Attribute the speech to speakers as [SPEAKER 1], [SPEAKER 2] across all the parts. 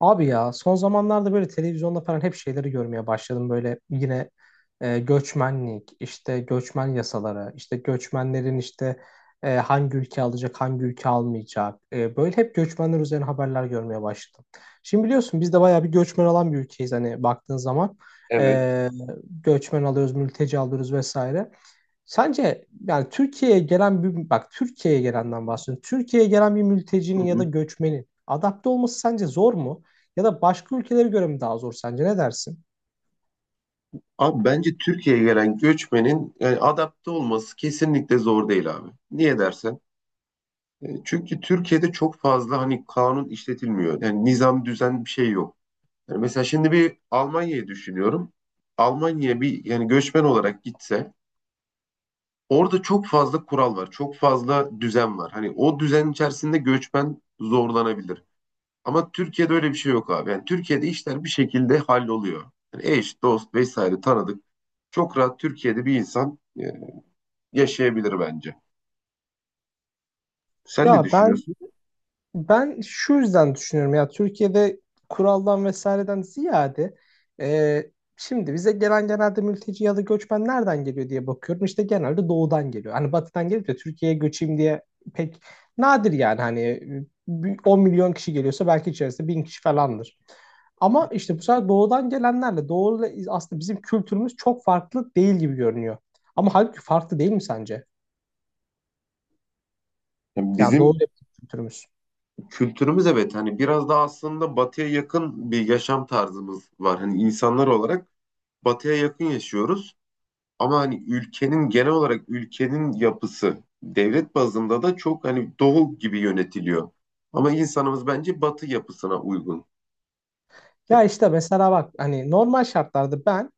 [SPEAKER 1] Abi ya son zamanlarda böyle televizyonda falan hep şeyleri görmeye başladım. Böyle yine göçmenlik, işte göçmen yasaları, işte göçmenlerin işte hangi ülke alacak, hangi ülke almayacak. Böyle hep göçmenler üzerine haberler görmeye başladım. Şimdi biliyorsun biz de bayağı bir göçmen alan bir ülkeyiz hani baktığın zaman.
[SPEAKER 2] Evet.
[SPEAKER 1] E, Göçmen alıyoruz, mülteci alıyoruz vesaire. Sence yani Türkiye'ye gelen bir bak Türkiye'ye gelenden bahsediyorum. Türkiye'ye gelen bir
[SPEAKER 2] Hı
[SPEAKER 1] mültecinin ya da
[SPEAKER 2] hı.
[SPEAKER 1] göçmenin adapte olması sence zor mu? Ya da başka ülkelere göre mi daha zor sence? Ne dersin?
[SPEAKER 2] Abi bence Türkiye'ye gelen göçmenin adapte olması kesinlikle zor değil abi. Niye dersen? Çünkü Türkiye'de çok fazla hani kanun işletilmiyor. Yani nizam düzen bir şey yok. Yani mesela şimdi bir Almanya'yı düşünüyorum. Almanya'ya bir yani göçmen olarak gitse orada çok fazla kural var. Çok fazla düzen var. Hani o düzen içerisinde göçmen zorlanabilir. Ama Türkiye'de öyle bir şey yok abi. Yani Türkiye'de işler bir şekilde halloluyor. Yani eş, dost vesaire tanıdık. Çok rahat Türkiye'de bir insan yaşayabilir bence. Sen ne
[SPEAKER 1] Ya ben
[SPEAKER 2] düşünüyorsun?
[SPEAKER 1] Ben şu yüzden düşünüyorum ya, Türkiye'de kuraldan vesaireden ziyade, e, şimdi bize gelen genelde mülteci ya da göçmen nereden geliyor diye bakıyorum. İşte genelde doğudan geliyor. Hani batıdan gelip de Türkiye'ye göçeyim diye pek nadir, yani hani 10 milyon kişi geliyorsa belki içerisinde 1.000 kişi falandır. Ama işte bu sefer doğudan gelenlerle, aslında bizim kültürümüz çok farklı değil gibi görünüyor. Ama halbuki farklı değil mi sence?
[SPEAKER 2] Yani
[SPEAKER 1] Yani doğu
[SPEAKER 2] bizim
[SPEAKER 1] ile bizim kültürümüz.
[SPEAKER 2] kültürümüz evet hani biraz daha aslında batıya yakın bir yaşam tarzımız var. Hani insanlar olarak batıya yakın yaşıyoruz. Ama hani ülkenin genel olarak ülkenin yapısı devlet bazında da çok hani doğu gibi yönetiliyor. Ama insanımız bence batı yapısına uygun.
[SPEAKER 1] Ya işte mesela bak, hani normal şartlarda ben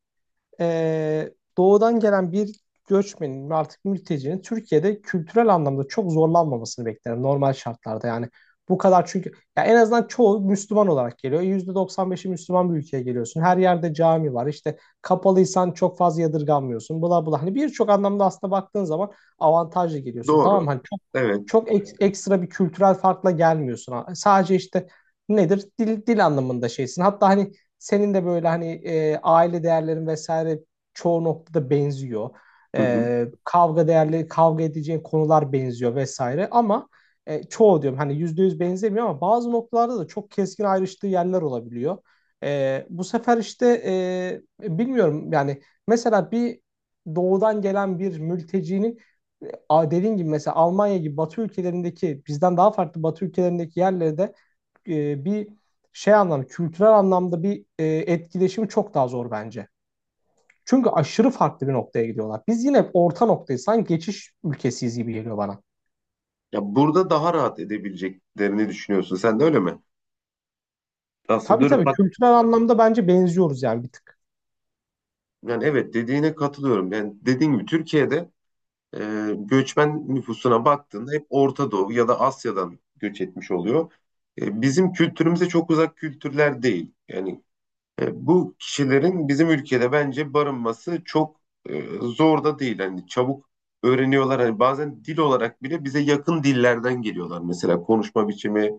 [SPEAKER 1] doğudan gelen bir göçmenin ve artık mültecinin Türkiye'de kültürel anlamda çok zorlanmamasını beklerim, normal şartlarda yani. Bu kadar, çünkü ya en azından çoğu Müslüman olarak geliyor. %95'i Müslüman bir ülkeye geliyorsun. Her yerde cami var. İşte kapalıysan çok fazla yadırganmıyorsun. Bula bula. Hani birçok anlamda aslında baktığın zaman avantajlı geliyorsun. Tamam
[SPEAKER 2] Doğru.
[SPEAKER 1] mı? Hani
[SPEAKER 2] Evet.
[SPEAKER 1] çok ekstra bir kültürel farkla gelmiyorsun. Sadece işte nedir? Dil, dil anlamında şeysin. Hatta hani senin de böyle hani, aile değerlerin vesaire çoğu noktada benziyor.
[SPEAKER 2] Hı hı.
[SPEAKER 1] Kavga değerleri, kavga edeceğin konular benziyor vesaire, ama çoğu diyorum hani, %100 benzemiyor ama bazı noktalarda da çok keskin ayrıştığı yerler olabiliyor. Bu sefer işte, bilmiyorum yani, mesela bir doğudan gelen bir mültecinin, a- gibi mesela Almanya gibi Batı ülkelerindeki, bizden daha farklı Batı ülkelerindeki yerlerde, e, bir şey anlamda kültürel anlamda bir etkileşimi çok daha zor bence. Çünkü aşırı farklı bir noktaya gidiyorlar. Biz yine orta noktayız. Sanki geçiş ülkesiyiz gibi geliyor bana.
[SPEAKER 2] Ya burada daha rahat edebileceklerini düşünüyorsun. Sen de öyle mi? Aslında
[SPEAKER 1] Tabii
[SPEAKER 2] dönüp
[SPEAKER 1] tabii,
[SPEAKER 2] bak
[SPEAKER 1] kültürel anlamda bence benziyoruz yani, bir tık.
[SPEAKER 2] yani evet dediğine katılıyorum. Yani dediğin gibi Türkiye'de göçmen nüfusuna baktığında hep Orta Doğu ya da Asya'dan göç etmiş oluyor. Bizim kültürümüze çok uzak kültürler değil. Yani bu kişilerin bizim ülkede bence barınması çok zor da değil. Hani çabuk öğreniyorlar. Hani bazen dil olarak bile bize yakın dillerden geliyorlar. Mesela konuşma biçimi,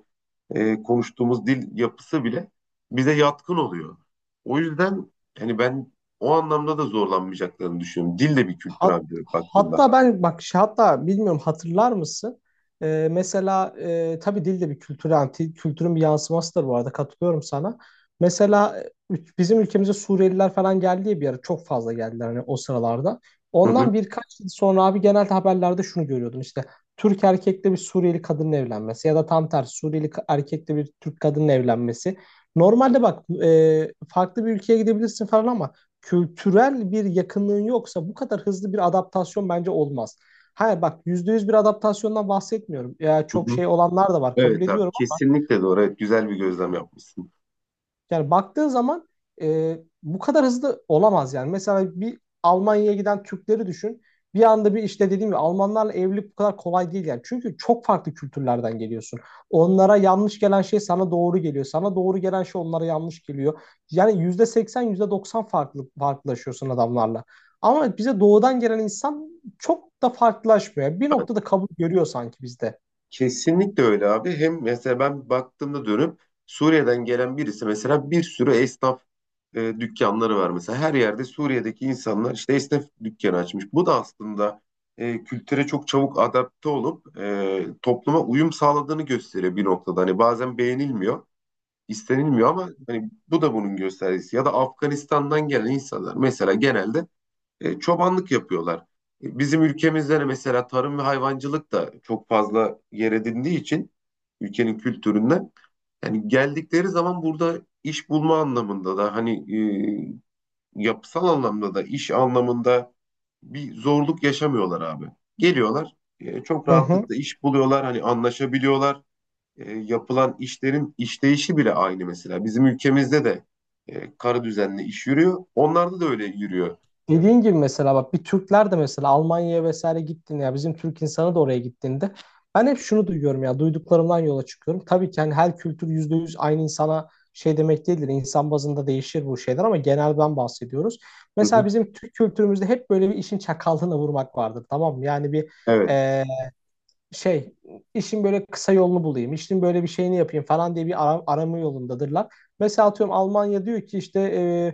[SPEAKER 2] konuştuğumuz dil yapısı bile bize yatkın oluyor. O yüzden hani ben o anlamda da zorlanmayacaklarını düşünüyorum. Dil de bir kültür
[SPEAKER 1] Hat-
[SPEAKER 2] abi baktığında.
[SPEAKER 1] hatta ben bak şey- hatta bilmiyorum, hatırlar mısın? Mesela tabii dil de bir kültür, yani kültürün bir yansımasıdır, bu arada katılıyorum sana. Mesela bizim ülkemize Suriyeliler falan geldiği bir ara çok fazla geldiler hani o sıralarda.
[SPEAKER 2] Hı hı,
[SPEAKER 1] Ondan birkaç yıl sonra abi genelde haberlerde şunu görüyordun işte, Türk erkekle bir Suriyeli kadının evlenmesi ya da tam tersi Suriyeli erkekle bir Türk kadının evlenmesi. Normalde bak, farklı bir ülkeye gidebilirsin falan, ama kültürel bir yakınlığın yoksa bu kadar hızlı bir adaptasyon bence olmaz. Hayır bak, %100 bir adaptasyondan bahsetmiyorum. Ya
[SPEAKER 2] hı
[SPEAKER 1] çok
[SPEAKER 2] hı.
[SPEAKER 1] şey olanlar da var, kabul
[SPEAKER 2] Evet abi
[SPEAKER 1] ediyorum ama.
[SPEAKER 2] kesinlikle doğru. Evet güzel bir gözlem yapmışsın.
[SPEAKER 1] Yani baktığın zaman bu kadar hızlı olamaz yani. Mesela bir Almanya'ya giden Türkleri düşün. Bir anda bir, işte dediğim gibi Almanlarla evlilik bu kadar kolay değil yani. Çünkü çok farklı kültürlerden geliyorsun. Onlara yanlış gelen şey sana doğru geliyor. Sana doğru gelen şey onlara yanlış geliyor. Yani %80 %90 farklı, farklılaşıyorsun adamlarla. Ama bize doğudan gelen insan çok da farklılaşmıyor. Bir noktada kabul görüyor sanki bizde.
[SPEAKER 2] Kesinlikle öyle abi. Hem mesela ben baktığımda dönüp Suriye'den gelen birisi mesela bir sürü esnaf dükkanları var mesela. Her yerde Suriye'deki insanlar işte esnaf dükkanı açmış. Bu da aslında kültüre çok çabuk adapte olup topluma uyum sağladığını gösteriyor bir noktada. Hani bazen beğenilmiyor, istenilmiyor ama hani bu da bunun göstergesi. Ya da Afganistan'dan gelen insanlar mesela genelde çobanlık yapıyorlar. Bizim ülkemizde de mesela tarım ve hayvancılık da çok fazla yer edindiği için ülkenin kültüründen yani geldikleri zaman burada iş bulma anlamında da hani yapısal anlamda da iş anlamında bir zorluk yaşamıyorlar abi. Geliyorlar çok
[SPEAKER 1] Hı hı.
[SPEAKER 2] rahatlıkla iş buluyorlar hani anlaşabiliyorlar. Yapılan işlerin işleyişi bile aynı mesela. Bizim ülkemizde de karı düzenli iş yürüyor. Onlarda da öyle yürüyor.
[SPEAKER 1] Dediğin gibi mesela bak, Türkler de mesela Almanya'ya vesaire gittiğinde, ya bizim Türk insanı da oraya gittiğinde, ben hep şunu duyuyorum, ya duyduklarımdan yola çıkıyorum. Tabii ki hani her kültür %100 aynı insana şey demek değildir. İnsan bazında değişir bu şeyler ama genelden bahsediyoruz.
[SPEAKER 2] Hı
[SPEAKER 1] Mesela
[SPEAKER 2] hı.
[SPEAKER 1] bizim Türk kültürümüzde hep böyle bir işin çakallığına vurmak vardır, tamam mı? Yani bir
[SPEAKER 2] Evet.
[SPEAKER 1] şey, işin böyle kısa yolunu bulayım, işin böyle bir şeyini yapayım falan diye bir arama yolundadırlar. Mesela atıyorum Almanya diyor ki işte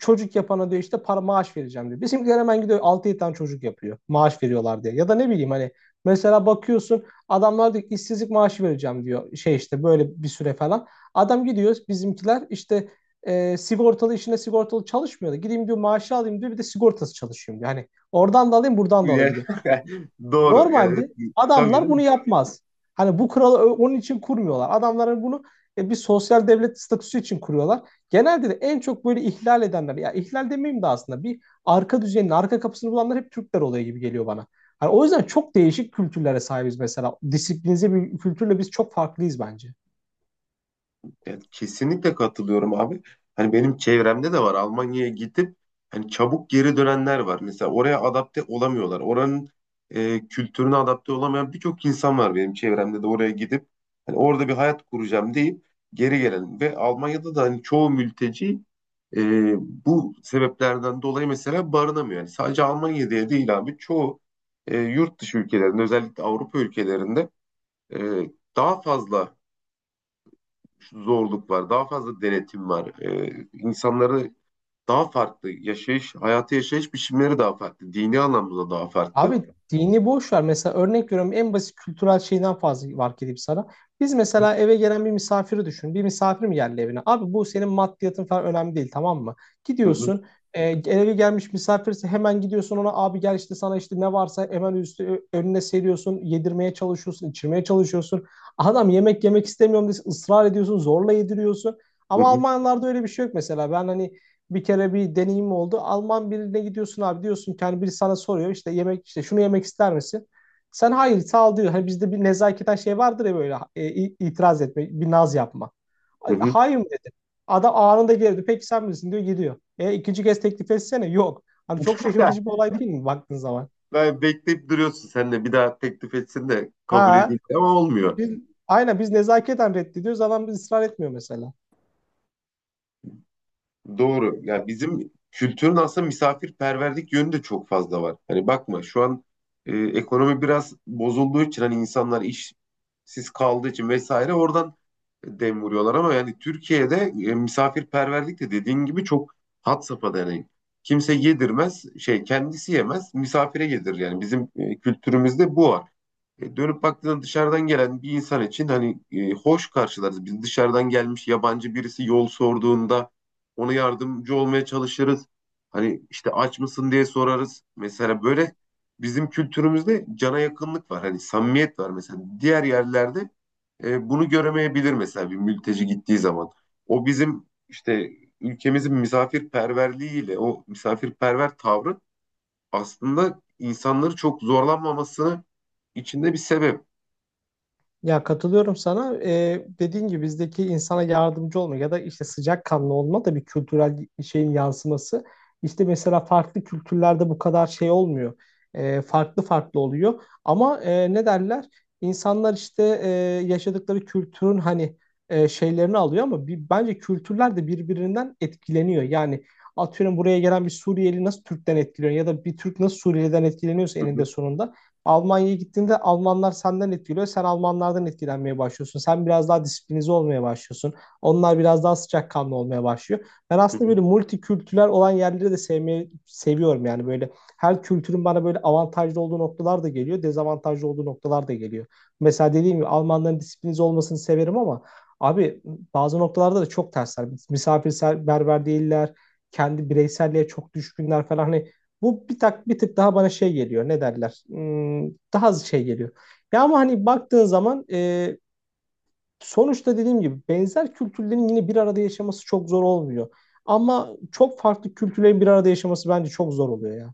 [SPEAKER 1] çocuk yapana diyor işte para maaş vereceğim diyor. Bizimkiler hemen gidiyor altı 7 tane çocuk yapıyor maaş veriyorlar diye. Ya da ne bileyim hani, mesela bakıyorsun adamlar diyor ki işsizlik maaşı vereceğim diyor, şey işte böyle bir süre falan. Adam gidiyor, bizimkiler işte sigortalı işine sigortalı çalışmıyor da gideyim diyor maaşı alayım diyor, bir de sigortası çalışıyorum diyor. Hani oradan da alayım buradan da alayım
[SPEAKER 2] Ya-
[SPEAKER 1] diyor.
[SPEAKER 2] Doğru. Yani
[SPEAKER 1] Normalde
[SPEAKER 2] tabii
[SPEAKER 1] adamlar bunu
[SPEAKER 2] canım.
[SPEAKER 1] yapmaz. Hani bu kuralı onun için kurmuyorlar. Adamların bunu bir sosyal devlet statüsü için kuruyorlar. Genelde de en çok böyle ihlal edenler, ya ihlal demeyeyim de aslında bir arka düzenin, arka kapısını bulanlar hep Türkler oluyor gibi geliyor bana. Hani o yüzden çok değişik kültürlere sahibiz mesela. Disiplinize bir kültürle biz çok farklıyız bence.
[SPEAKER 2] Yani kesinlikle katılıyorum abi. Hani benim çevremde de var. Almanya'ya gidip hani çabuk geri dönenler var. Mesela oraya adapte olamıyorlar. Oranın kültürüne adapte olamayan birçok insan var benim çevremde de oraya gidip hani orada bir hayat kuracağım deyip geri gelen ve Almanya'da da hani çoğu mülteci e, bu sebeplerden dolayı mesela barınamıyor. Yani sadece Almanya diye değil abi. Çoğu yurt dışı ülkelerinde özellikle Avrupa ülkelerinde e, daha fazla zorluk var, daha fazla denetim var. İnsanları daha farklı yaşayış, hayatı yaşayış biçimleri daha farklı. Dini anlamda daha farklı.
[SPEAKER 1] Abi dini boş ver. Mesela örnek veriyorum, en basit kültürel şeyden fazla fark edeyim sana. Biz
[SPEAKER 2] Hı
[SPEAKER 1] mesela eve gelen bir misafiri düşün. Bir misafir mi geldi evine? Abi bu senin maddiyatın falan önemli değil, tamam mı?
[SPEAKER 2] hı,
[SPEAKER 1] Gidiyorsun, eve gelmiş misafirse hemen gidiyorsun ona, abi gel işte sana işte ne varsa hemen üstü önüne seriyorsun. Yedirmeye çalışıyorsun, içirmeye çalışıyorsun. Adam yemek yemek istemiyorum diye ısrar ediyorsun, zorla yediriyorsun.
[SPEAKER 2] hı
[SPEAKER 1] Ama
[SPEAKER 2] hı,
[SPEAKER 1] Almanlarda öyle bir şey yok mesela. Ben hani bir kere bir deneyim oldu. Alman birine gidiyorsun abi, diyorsun ki hani, biri sana soruyor işte yemek, işte şunu yemek ister misin? Sen hayır sağ ol diyor. Hani bizde bir nezaketen şey vardır ya böyle, itiraz etme, bir naz yapma.
[SPEAKER 2] hı
[SPEAKER 1] Ay,
[SPEAKER 2] hı.
[SPEAKER 1] hayır mı dedi. Adam anında geldi. Peki sen bilirsin diyor, gidiyor. E ikinci kez teklif etsene. Yok. Hani çok şaşırtıcı bir olay değil mi baktığın zaman?
[SPEAKER 2] Ben bekleyip duruyorsun sen de bir daha teklif etsin de kabul
[SPEAKER 1] Ha.
[SPEAKER 2] edeyim ama olmuyor.
[SPEAKER 1] Biz, aynen biz nezaketen reddediyoruz. Adam biz ısrar etmiyor mesela.
[SPEAKER 2] Doğru. Yani bizim kültürün aslında misafirperverlik yönü de çok fazla var. Hani bakma şu an ekonomi biraz bozulduğu için hani insanlar işsiz kaldığı için vesaire oradan dem vuruyorlar ama yani Türkiye'de misafirperverlik de dediğin gibi çok had safhada yani. Kimse yedirmez, şey kendisi yemez, misafire yedirir yani. Bizim kültürümüzde bu var. Dönüp baktığında dışarıdan gelen bir insan için hani hoş karşılarız. Biz dışarıdan gelmiş yabancı birisi yol sorduğunda ona yardımcı olmaya çalışırız. Hani işte aç mısın diye sorarız. Mesela böyle bizim kültürümüzde cana yakınlık var. Hani samimiyet var mesela. Diğer yerlerde bunu göremeyebilir mesela bir mülteci gittiği zaman. O bizim işte ülkemizin misafirperverliğiyle o misafirperver tavrı aslında insanları çok zorlanmamasını içinde bir sebep.
[SPEAKER 1] Ya katılıyorum sana. Dediğin gibi bizdeki insana yardımcı olma ya da işte sıcakkanlı olma da bir kültürel şeyin yansıması. İşte mesela farklı kültürlerde bu kadar şey olmuyor. Farklı farklı oluyor. Ama ne derler? İnsanlar işte yaşadıkları kültürün hani, şeylerini alıyor, ama bir, bence kültürler de birbirinden etkileniyor. Yani atıyorum buraya gelen bir Suriyeli nasıl Türk'ten etkileniyor ya da bir Türk nasıl Suriyeli'den etkileniyorsa,
[SPEAKER 2] Hı
[SPEAKER 1] eninde
[SPEAKER 2] hı,
[SPEAKER 1] sonunda Almanya'ya gittiğinde Almanlar senden etkiliyor. Sen Almanlardan etkilenmeye başlıyorsun. Sen biraz daha disiplinize olmaya başlıyorsun. Onlar biraz daha sıcakkanlı olmaya başlıyor. Ben
[SPEAKER 2] hı
[SPEAKER 1] aslında
[SPEAKER 2] hı.
[SPEAKER 1] böyle multikültürel olan yerleri de sevmeyi seviyorum. Yani böyle her kültürün bana böyle avantajlı olduğu noktalar da geliyor. Dezavantajlı olduğu noktalar da geliyor. Mesela dediğim gibi Almanların disiplinize olmasını severim, ama abi bazı noktalarda da çok tersler. Misafirperver değiller. Kendi bireyselliğe çok düşkünler falan. Hani bu bir tık daha bana şey geliyor. Ne derler? Hmm, daha az şey geliyor. Ya ama hani baktığın zaman sonuçta dediğim gibi benzer kültürlerin yine bir arada yaşaması çok zor olmuyor. Ama çok farklı kültürlerin bir arada yaşaması bence çok zor oluyor ya.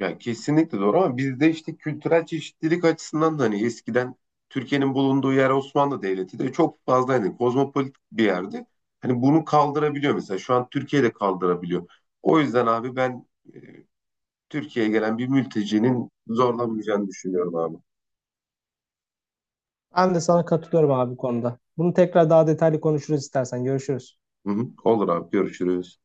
[SPEAKER 2] Ya kesinlikle doğru ama bizde işte kültürel çeşitlilik açısından da hani eskiden Türkiye'nin bulunduğu yer Osmanlı Devleti de çok fazla hani kozmopolit bir yerdi. Hani bunu kaldırabiliyor mesela şu an Türkiye de kaldırabiliyor. O yüzden abi ben e, Türkiye'ye gelen bir mültecinin zorlanmayacağını düşünüyorum abi.
[SPEAKER 1] Ben de sana katılıyorum abi bu konuda. Bunu tekrar daha detaylı konuşuruz istersen. Görüşürüz.
[SPEAKER 2] Hı hı, olur abi görüşürüz.